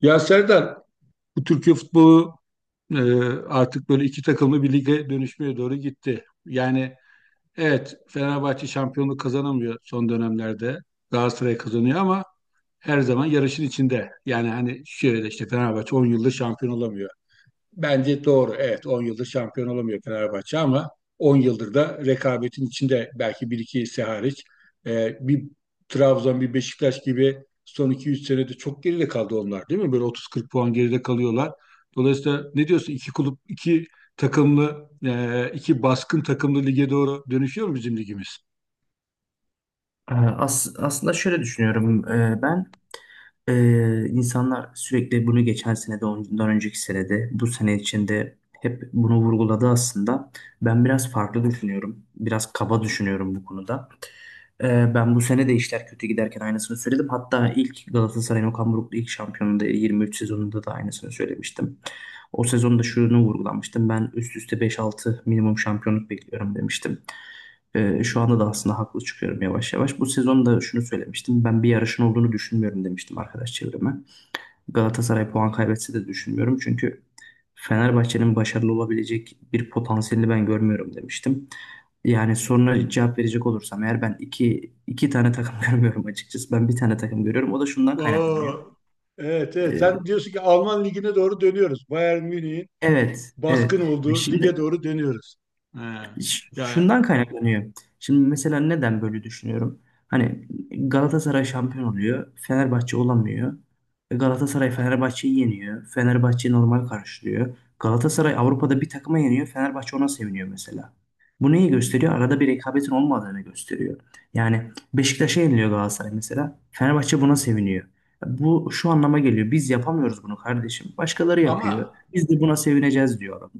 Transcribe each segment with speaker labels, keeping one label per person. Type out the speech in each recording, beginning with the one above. Speaker 1: Ya Serdar, bu Türkiye futbolu e, artık böyle iki takımlı bir lige dönüşmeye doğru gitti. Yani evet, Fenerbahçe şampiyonluk kazanamıyor son dönemlerde. Galatasaray kazanıyor ama her zaman yarışın içinde. Yani hani şöyle işte Fenerbahçe 10 yıldır şampiyon olamıyor. Bence doğru. Evet, 10 yıldır şampiyon olamıyor Fenerbahçe ama 10 yıldır da rekabetin içinde, belki bir iki ise hariç bir Trabzon, bir Beşiktaş gibi son 2-3 senede çok geride kaldı onlar, değil mi? Böyle 30-40 puan geride kalıyorlar. Dolayısıyla ne diyorsun? İki kulüp, iki takımlı, iki baskın takımlı lige doğru dönüşüyor mu bizim ligimiz?
Speaker 2: As aslında şöyle düşünüyorum. İnsanlar sürekli bunu geçen sene de ondan önceki sene de bu sene içinde hep bunu vurguladı aslında. Ben biraz farklı düşünüyorum. Biraz kaba düşünüyorum bu konuda. Ben bu sene de işler kötü giderken aynısını söyledim. Hatta ilk Galatasaray'ın Okan Buruk'lu ilk şampiyonluğunda 23 sezonunda da aynısını söylemiştim. O sezonda şunu vurgulamıştım. Ben üst üste beş altı minimum şampiyonluk bekliyorum demiştim. Şu anda da aslında haklı çıkıyorum yavaş yavaş. Bu sezonda şunu söylemiştim. Ben bir yarışın olduğunu düşünmüyorum demiştim arkadaş çevreme. Galatasaray puan kaybetse de düşünmüyorum. Çünkü Fenerbahçe'nin başarılı olabilecek bir potansiyelini ben görmüyorum demiştim. Yani soruna cevap verecek olursam eğer ben iki tane takım görmüyorum açıkçası. Ben bir tane takım görüyorum. O da şundan kaynaklanıyor.
Speaker 1: Oo, evet, evet, sen
Speaker 2: Ee,
Speaker 1: diyorsun ki Alman ligine doğru dönüyoruz. Bayern Münih'in
Speaker 2: evet, evet.
Speaker 1: baskın olduğu
Speaker 2: Şimdi
Speaker 1: lige doğru dönüyoruz. Ha.
Speaker 2: Ş-
Speaker 1: Yani
Speaker 2: Şundan kaynaklanıyor. Şimdi mesela neden böyle düşünüyorum? Hani Galatasaray şampiyon oluyor, Fenerbahçe olamıyor. E, Galatasaray Fenerbahçe'yi yeniyor. Fenerbahçe normal karşılıyor. Galatasaray Avrupa'da bir takıma yeniyor, Fenerbahçe ona seviniyor mesela. Bu neyi gösteriyor? Arada bir rekabetin olmadığını gösteriyor. Yani Beşiktaş'a yeniliyor Galatasaray mesela. Fenerbahçe buna seviniyor. Bu şu anlama geliyor. Biz yapamıyoruz bunu kardeşim. Başkaları yapıyor.
Speaker 1: ama,
Speaker 2: Biz de buna sevineceğiz diyor adam.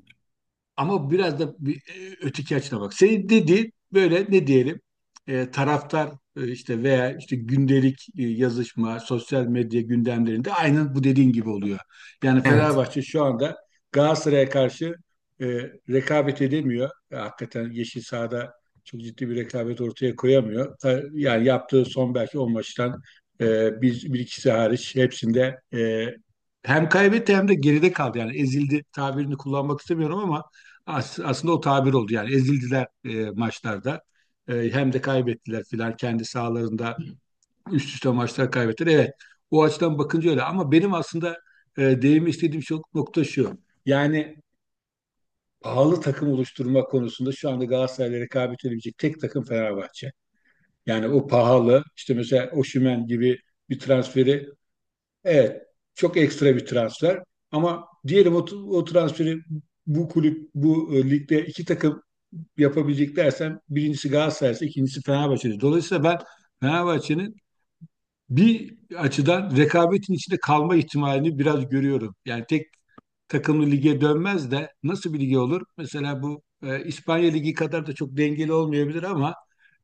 Speaker 1: ama biraz da öteki açına bak. Senin dediğin böyle, ne diyelim, taraftar işte veya işte gündelik yazışma, sosyal medya gündemlerinde aynen bu dediğin gibi oluyor. Yani
Speaker 2: Evet.
Speaker 1: Fenerbahçe şu anda Galatasaray'a karşı e, rekabet edemiyor. E, hakikaten yeşil sahada çok ciddi bir rekabet ortaya koyamıyor. Yani yaptığı son belki 10 maçtan e, bir ikisi hariç hepsinde hem kaybetti hem de geride kaldı. Yani ezildi tabirini kullanmak istemiyorum ama aslında o tabir oldu, yani ezildiler maçlarda. E, hem de kaybettiler filan kendi sahalarında, üst üste maçlar kaybettiler. Evet, o açıdan bakınca öyle ama benim aslında değinmek istediğim çok nokta şu: yani pahalı takım oluşturma konusunda şu anda Galatasaray'la rekabet edebilecek tek takım Fenerbahçe. Yani o pahalı işte mesela Osimhen gibi bir transferi, evet, çok ekstra bir transfer ama diyelim o transferi bu kulüp, bu ligde iki takım yapabilecek dersem, birincisi Galatasaray'sa ikincisi Fenerbahçe'dir. Dolayısıyla ben Fenerbahçe'nin bir açıdan rekabetin içinde kalma ihtimalini biraz görüyorum. Yani tek takımlı lige dönmez de nasıl bir lige olur? Mesela bu İspanya Ligi kadar da çok dengeli olmayabilir ama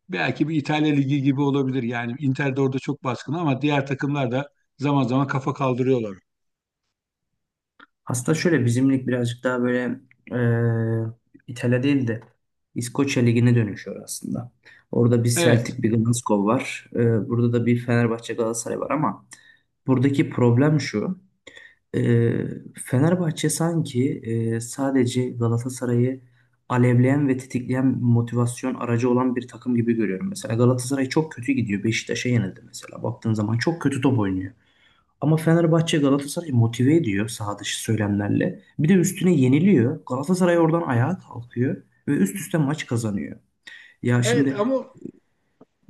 Speaker 1: belki bir İtalya Ligi gibi olabilir. Yani Inter de orada çok baskın ama diğer takımlar da zaman zaman kafa kaldırıyorlar.
Speaker 2: Aslında şöyle bizim lig birazcık daha böyle İtalya değil de İskoçya Ligi'ne dönüşüyor aslında. Orada bir
Speaker 1: Evet.
Speaker 2: Celtic, bir Glasgow var. E, burada da bir Fenerbahçe Galatasaray var ama buradaki problem şu. e, Fenerbahçe sanki sadece Galatasaray'ı alevleyen ve tetikleyen motivasyon aracı olan bir takım gibi görüyorum. Mesela Galatasaray çok kötü gidiyor. Beşiktaş'a yenildi mesela. Baktığın zaman çok kötü top oynuyor. Ama Fenerbahçe Galatasaray'ı motive ediyor saha dışı söylemlerle. Bir de üstüne yeniliyor. Galatasaray oradan ayağa kalkıyor ve üst üste maç kazanıyor. Ya
Speaker 1: Evet,
Speaker 2: şimdi
Speaker 1: ama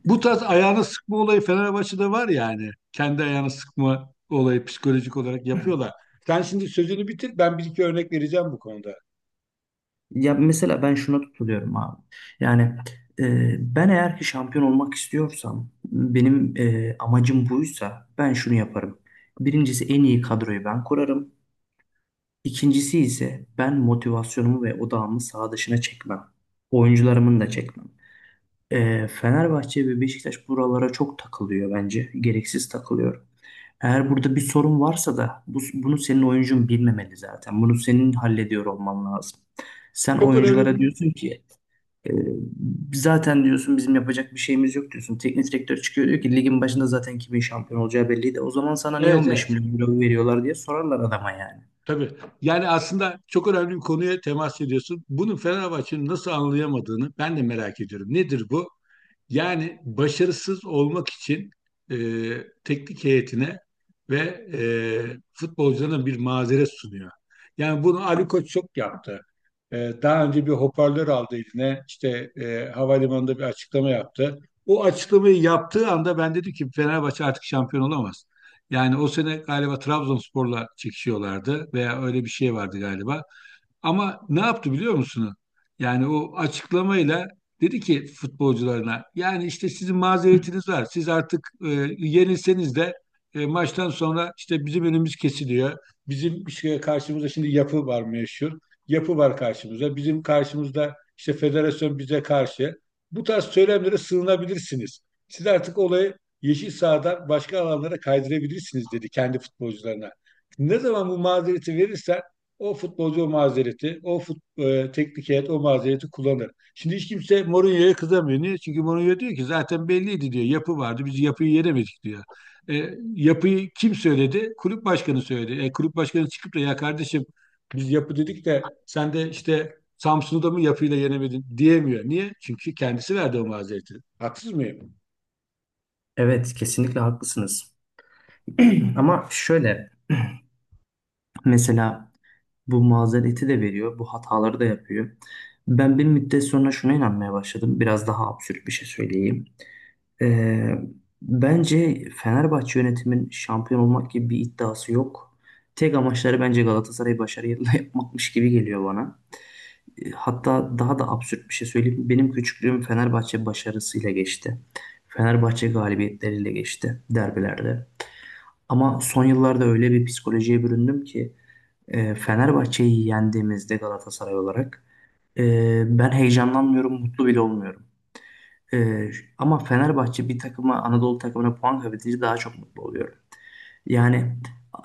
Speaker 1: bu tarz ayağını sıkma olayı Fenerbahçe'de var yani. Kendi ayağını sıkma olayı, psikolojik olarak yapıyorlar. Sen şimdi sözünü bitir. Ben bir iki örnek vereceğim bu konuda.
Speaker 2: ya mesela ben şuna tutuluyorum abi. Yani ben eğer ki şampiyon olmak istiyorsam benim amacım buysa ben şunu yaparım. Birincisi en iyi kadroyu ben kurarım. İkincisi ise ben motivasyonumu ve odağımı saha dışına çekmem. Oyuncularımın da çekmem. Fenerbahçe ve Beşiktaş buralara çok takılıyor bence. Gereksiz takılıyor. Eğer burada bir sorun varsa da bunu senin oyuncun bilmemeli zaten. Bunu senin hallediyor olman lazım. Sen
Speaker 1: Çok önemli bir...
Speaker 2: oyunculara diyorsun ki e, zaten diyorsun bizim yapacak bir şeyimiz yok diyorsun. Teknik direktör çıkıyor diyor ki ligin başında zaten kimin şampiyon olacağı belliydi. O zaman sana niye
Speaker 1: Evet,
Speaker 2: 15
Speaker 1: evet.
Speaker 2: milyon euro veriyorlar diye sorarlar adama yani.
Speaker 1: Tabii. Yani aslında çok önemli bir konuya temas ediyorsun. Bunu Fenerbahçe'nin nasıl anlayamadığını ben de merak ediyorum. Nedir bu? Yani başarısız olmak için e, teknik heyetine ve e, futbolcularına bir mazeret sunuyor. Yani bunu Ali Koç çok yaptı. E, daha önce bir hoparlör aldı eline, işte havalimanında bir açıklama yaptı. O açıklamayı yaptığı anda ben dedim ki Fenerbahçe artık şampiyon olamaz. Yani o sene galiba Trabzonspor'la çekişiyorlardı veya öyle bir şey vardı galiba. Ama ne yaptı biliyor musunuz? Yani o açıklamayla dedi ki futbolcularına, yani işte sizin mazeretiniz var. Siz artık yenilseniz de maçtan sonra işte bizim önümüz kesiliyor. Bizim bir şeye karşımıza şimdi yapı var, meşhur. Yapı var karşımıza. Bizim karşımızda işte federasyon bize karşı. Bu tarz söylemlere sığınabilirsiniz. Siz artık olayı yeşil sahadan başka alanlara kaydırabilirsiniz, dedi kendi futbolcularına. Ne zaman bu mazereti verirsen o futbolcu o mazereti, teknik heyet o mazereti kullanır. Şimdi hiç kimse Mourinho'ya kızamıyor. Niye? Çünkü Mourinho diyor ki zaten belliydi diyor. Yapı vardı. Biz yapıyı yenemedik diyor. E, yapıyı kim söyledi? Kulüp başkanı söyledi. E, kulüp başkanı çıkıp da ya kardeşim, biz yapı dedik de sen de işte Samsun'u da mı yapıyla yenemedin, diyemiyor. Niye? Çünkü kendisi verdi o mazereti. Haksız mıyım?
Speaker 2: Evet kesinlikle haklısınız. Ama şöyle mesela bu mazereti de veriyor, bu hataları da yapıyor. Ben bir müddet sonra şuna inanmaya başladım. Biraz daha absürt bir şey söyleyeyim. Ee, Bence Fenerbahçe yönetimin şampiyon olmak gibi bir iddiası yok. Tek amaçları bence Galatasaray'ı başarıyla yapmakmış gibi geliyor bana. Hatta daha da absürt bir şey söyleyeyim. Benim küçüklüğüm Fenerbahçe başarısıyla geçti. Fenerbahçe galibiyetleriyle geçti derbilerde. Ama son yıllarda öyle bir psikolojiye büründüm ki Fenerbahçe'yi yendiğimizde Galatasaray olarak ben heyecanlanmıyorum, mutlu bile olmuyorum. E, Ama Fenerbahçe bir takıma, Anadolu takımına puan kaybedince daha çok mutlu oluyorum. Yani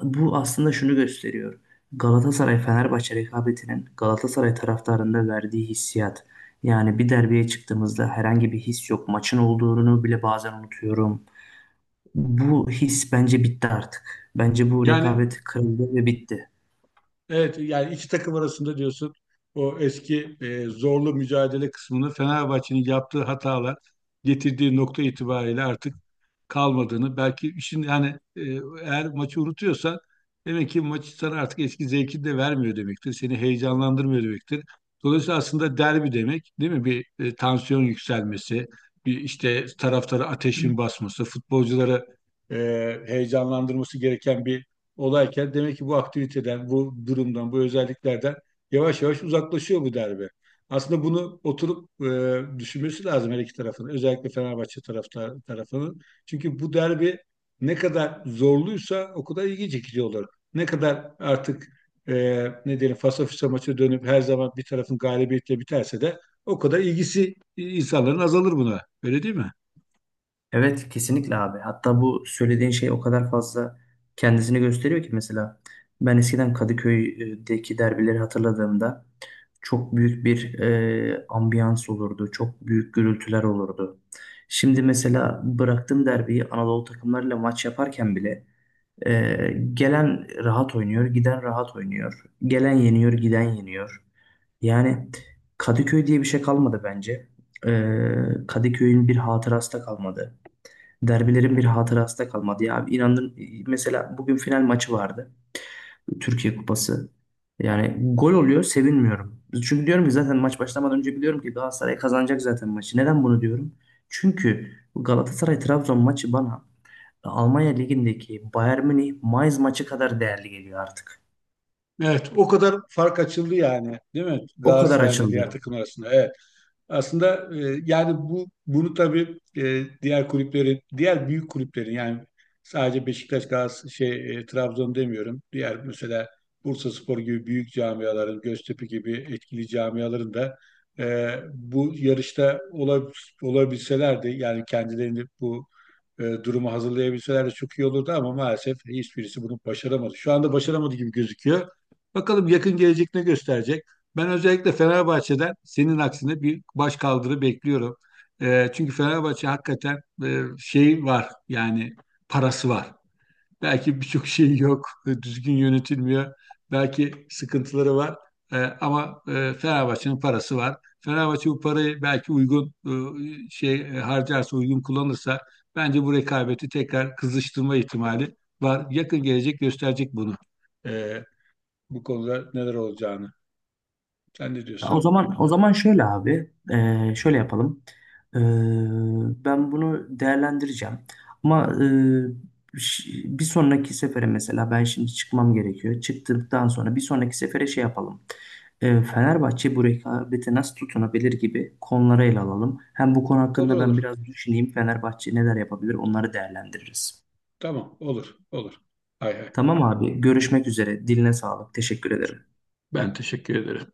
Speaker 2: bu aslında şunu gösteriyor. Galatasaray-Fenerbahçe rekabetinin Galatasaray taraftarında verdiği hissiyat. Yani bir derbiye çıktığımızda herhangi bir his yok. Maçın olduğunu bile bazen unutuyorum. Bu his bence bitti artık. Bence bu
Speaker 1: Yani
Speaker 2: rekabet kırıldı ve bitti.
Speaker 1: evet, yani iki takım arasında diyorsun o eski zorlu mücadele kısmını, Fenerbahçe'nin yaptığı hatalar getirdiği nokta itibariyle artık kalmadığını, belki işin yani e, eğer maçı unutuyorsan demek ki maç sana artık eski zevkini de vermiyor demektir. Seni heyecanlandırmıyor demektir. Dolayısıyla aslında derbi demek değil mi? Bir tansiyon yükselmesi, bir işte taraftara ateşin basması, futbolculara e, heyecanlandırması gereken bir olayken, demek ki bu aktiviteden, bu durumdan, bu özelliklerden yavaş yavaş uzaklaşıyor bu derbi. Aslında bunu oturup düşünmesi lazım her iki tarafın. Özellikle Fenerbahçe tarafının. Çünkü bu derbi ne kadar zorluysa o kadar ilgi çekici olur. Ne kadar artık e, ne diyelim fasafiso maçı dönüp her zaman bir tarafın galibiyetle biterse de o kadar ilgisi insanların azalır buna. Öyle değil mi?
Speaker 2: Evet kesinlikle abi. Hatta bu söylediğin şey o kadar fazla kendisini gösteriyor ki mesela ben eskiden Kadıköy'deki derbileri hatırladığımda çok büyük bir ambiyans olurdu. Çok büyük gürültüler olurdu. Şimdi mesela bıraktığım derbiyi Anadolu takımlarıyla maç yaparken bile gelen rahat oynuyor, giden rahat oynuyor. Gelen yeniyor, giden yeniyor. Yani Kadıköy diye bir şey kalmadı bence. Kadıköy'ün bir hatırası da kalmadı. Derbilerin bir hatırası da kalmadı ya. İnanın mesela bugün final maçı vardı. Türkiye Kupası. Yani gol oluyor sevinmiyorum. Çünkü diyorum ki zaten maç başlamadan önce biliyorum ki Galatasaray kazanacak zaten maçı. Neden bunu diyorum? Çünkü Galatasaray Trabzon maçı bana Almanya Ligi'ndeki Bayern Münih Mainz maçı kadar değerli geliyor artık.
Speaker 1: Evet, o kadar fark açıldı yani, değil mi?
Speaker 2: O kadar
Speaker 1: Galatasaray'la diğer
Speaker 2: açıldı.
Speaker 1: takım arasında. Evet. Aslında yani bu bunu tabii diğer kulüplerin, diğer büyük kulüplerin, yani sadece Beşiktaş, Galatasaray, Trabzon demiyorum. Diğer mesela Bursaspor gibi büyük camiaların, Göztepe gibi etkili camiaların da e, bu yarışta olabilselerdi, yani kendilerini bu durumu hazırlayabilseler de çok iyi olurdu ama maalesef hiçbirisi bunu başaramadı. Şu anda başaramadı gibi gözüküyor. Bakalım yakın gelecek ne gösterecek. Ben özellikle Fenerbahçe'den senin aksine bir baş kaldırı bekliyorum. E, çünkü Fenerbahçe hakikaten şey var yani, parası var. Belki birçok şey yok, düzgün yönetilmiyor. Belki sıkıntıları var. E, ama Fenerbahçe'nin parası var. Fenerbahçe bu parayı belki uygun harcarsa, uygun kullanırsa bence bu rekabeti tekrar kızıştırma ihtimali var. Yakın gelecek gösterecek bunu. E, bu konuda neler olacağını. Sen ne
Speaker 2: Ya O
Speaker 1: diyorsun?
Speaker 2: zaman o zaman şöyle abi, şöyle yapalım. Eee, Ben bunu değerlendireceğim. Ama ş- bir sonraki sefere mesela ben şimdi çıkmam gerekiyor. Çıktıktan sonra bir sonraki sefere şey yapalım. Fenerbahçe bu rekabete nasıl tutunabilir gibi konuları ele alalım. Hem bu konu
Speaker 1: Olur,
Speaker 2: hakkında ben
Speaker 1: olur.
Speaker 2: biraz düşüneyim. Fenerbahçe neler yapabilir onları değerlendiririz.
Speaker 1: Tamam, olur, olur. Hay hay.
Speaker 2: Tamam abi, görüşmek üzere. Diline sağlık. Teşekkür ederim.
Speaker 1: Ben teşekkür ederim.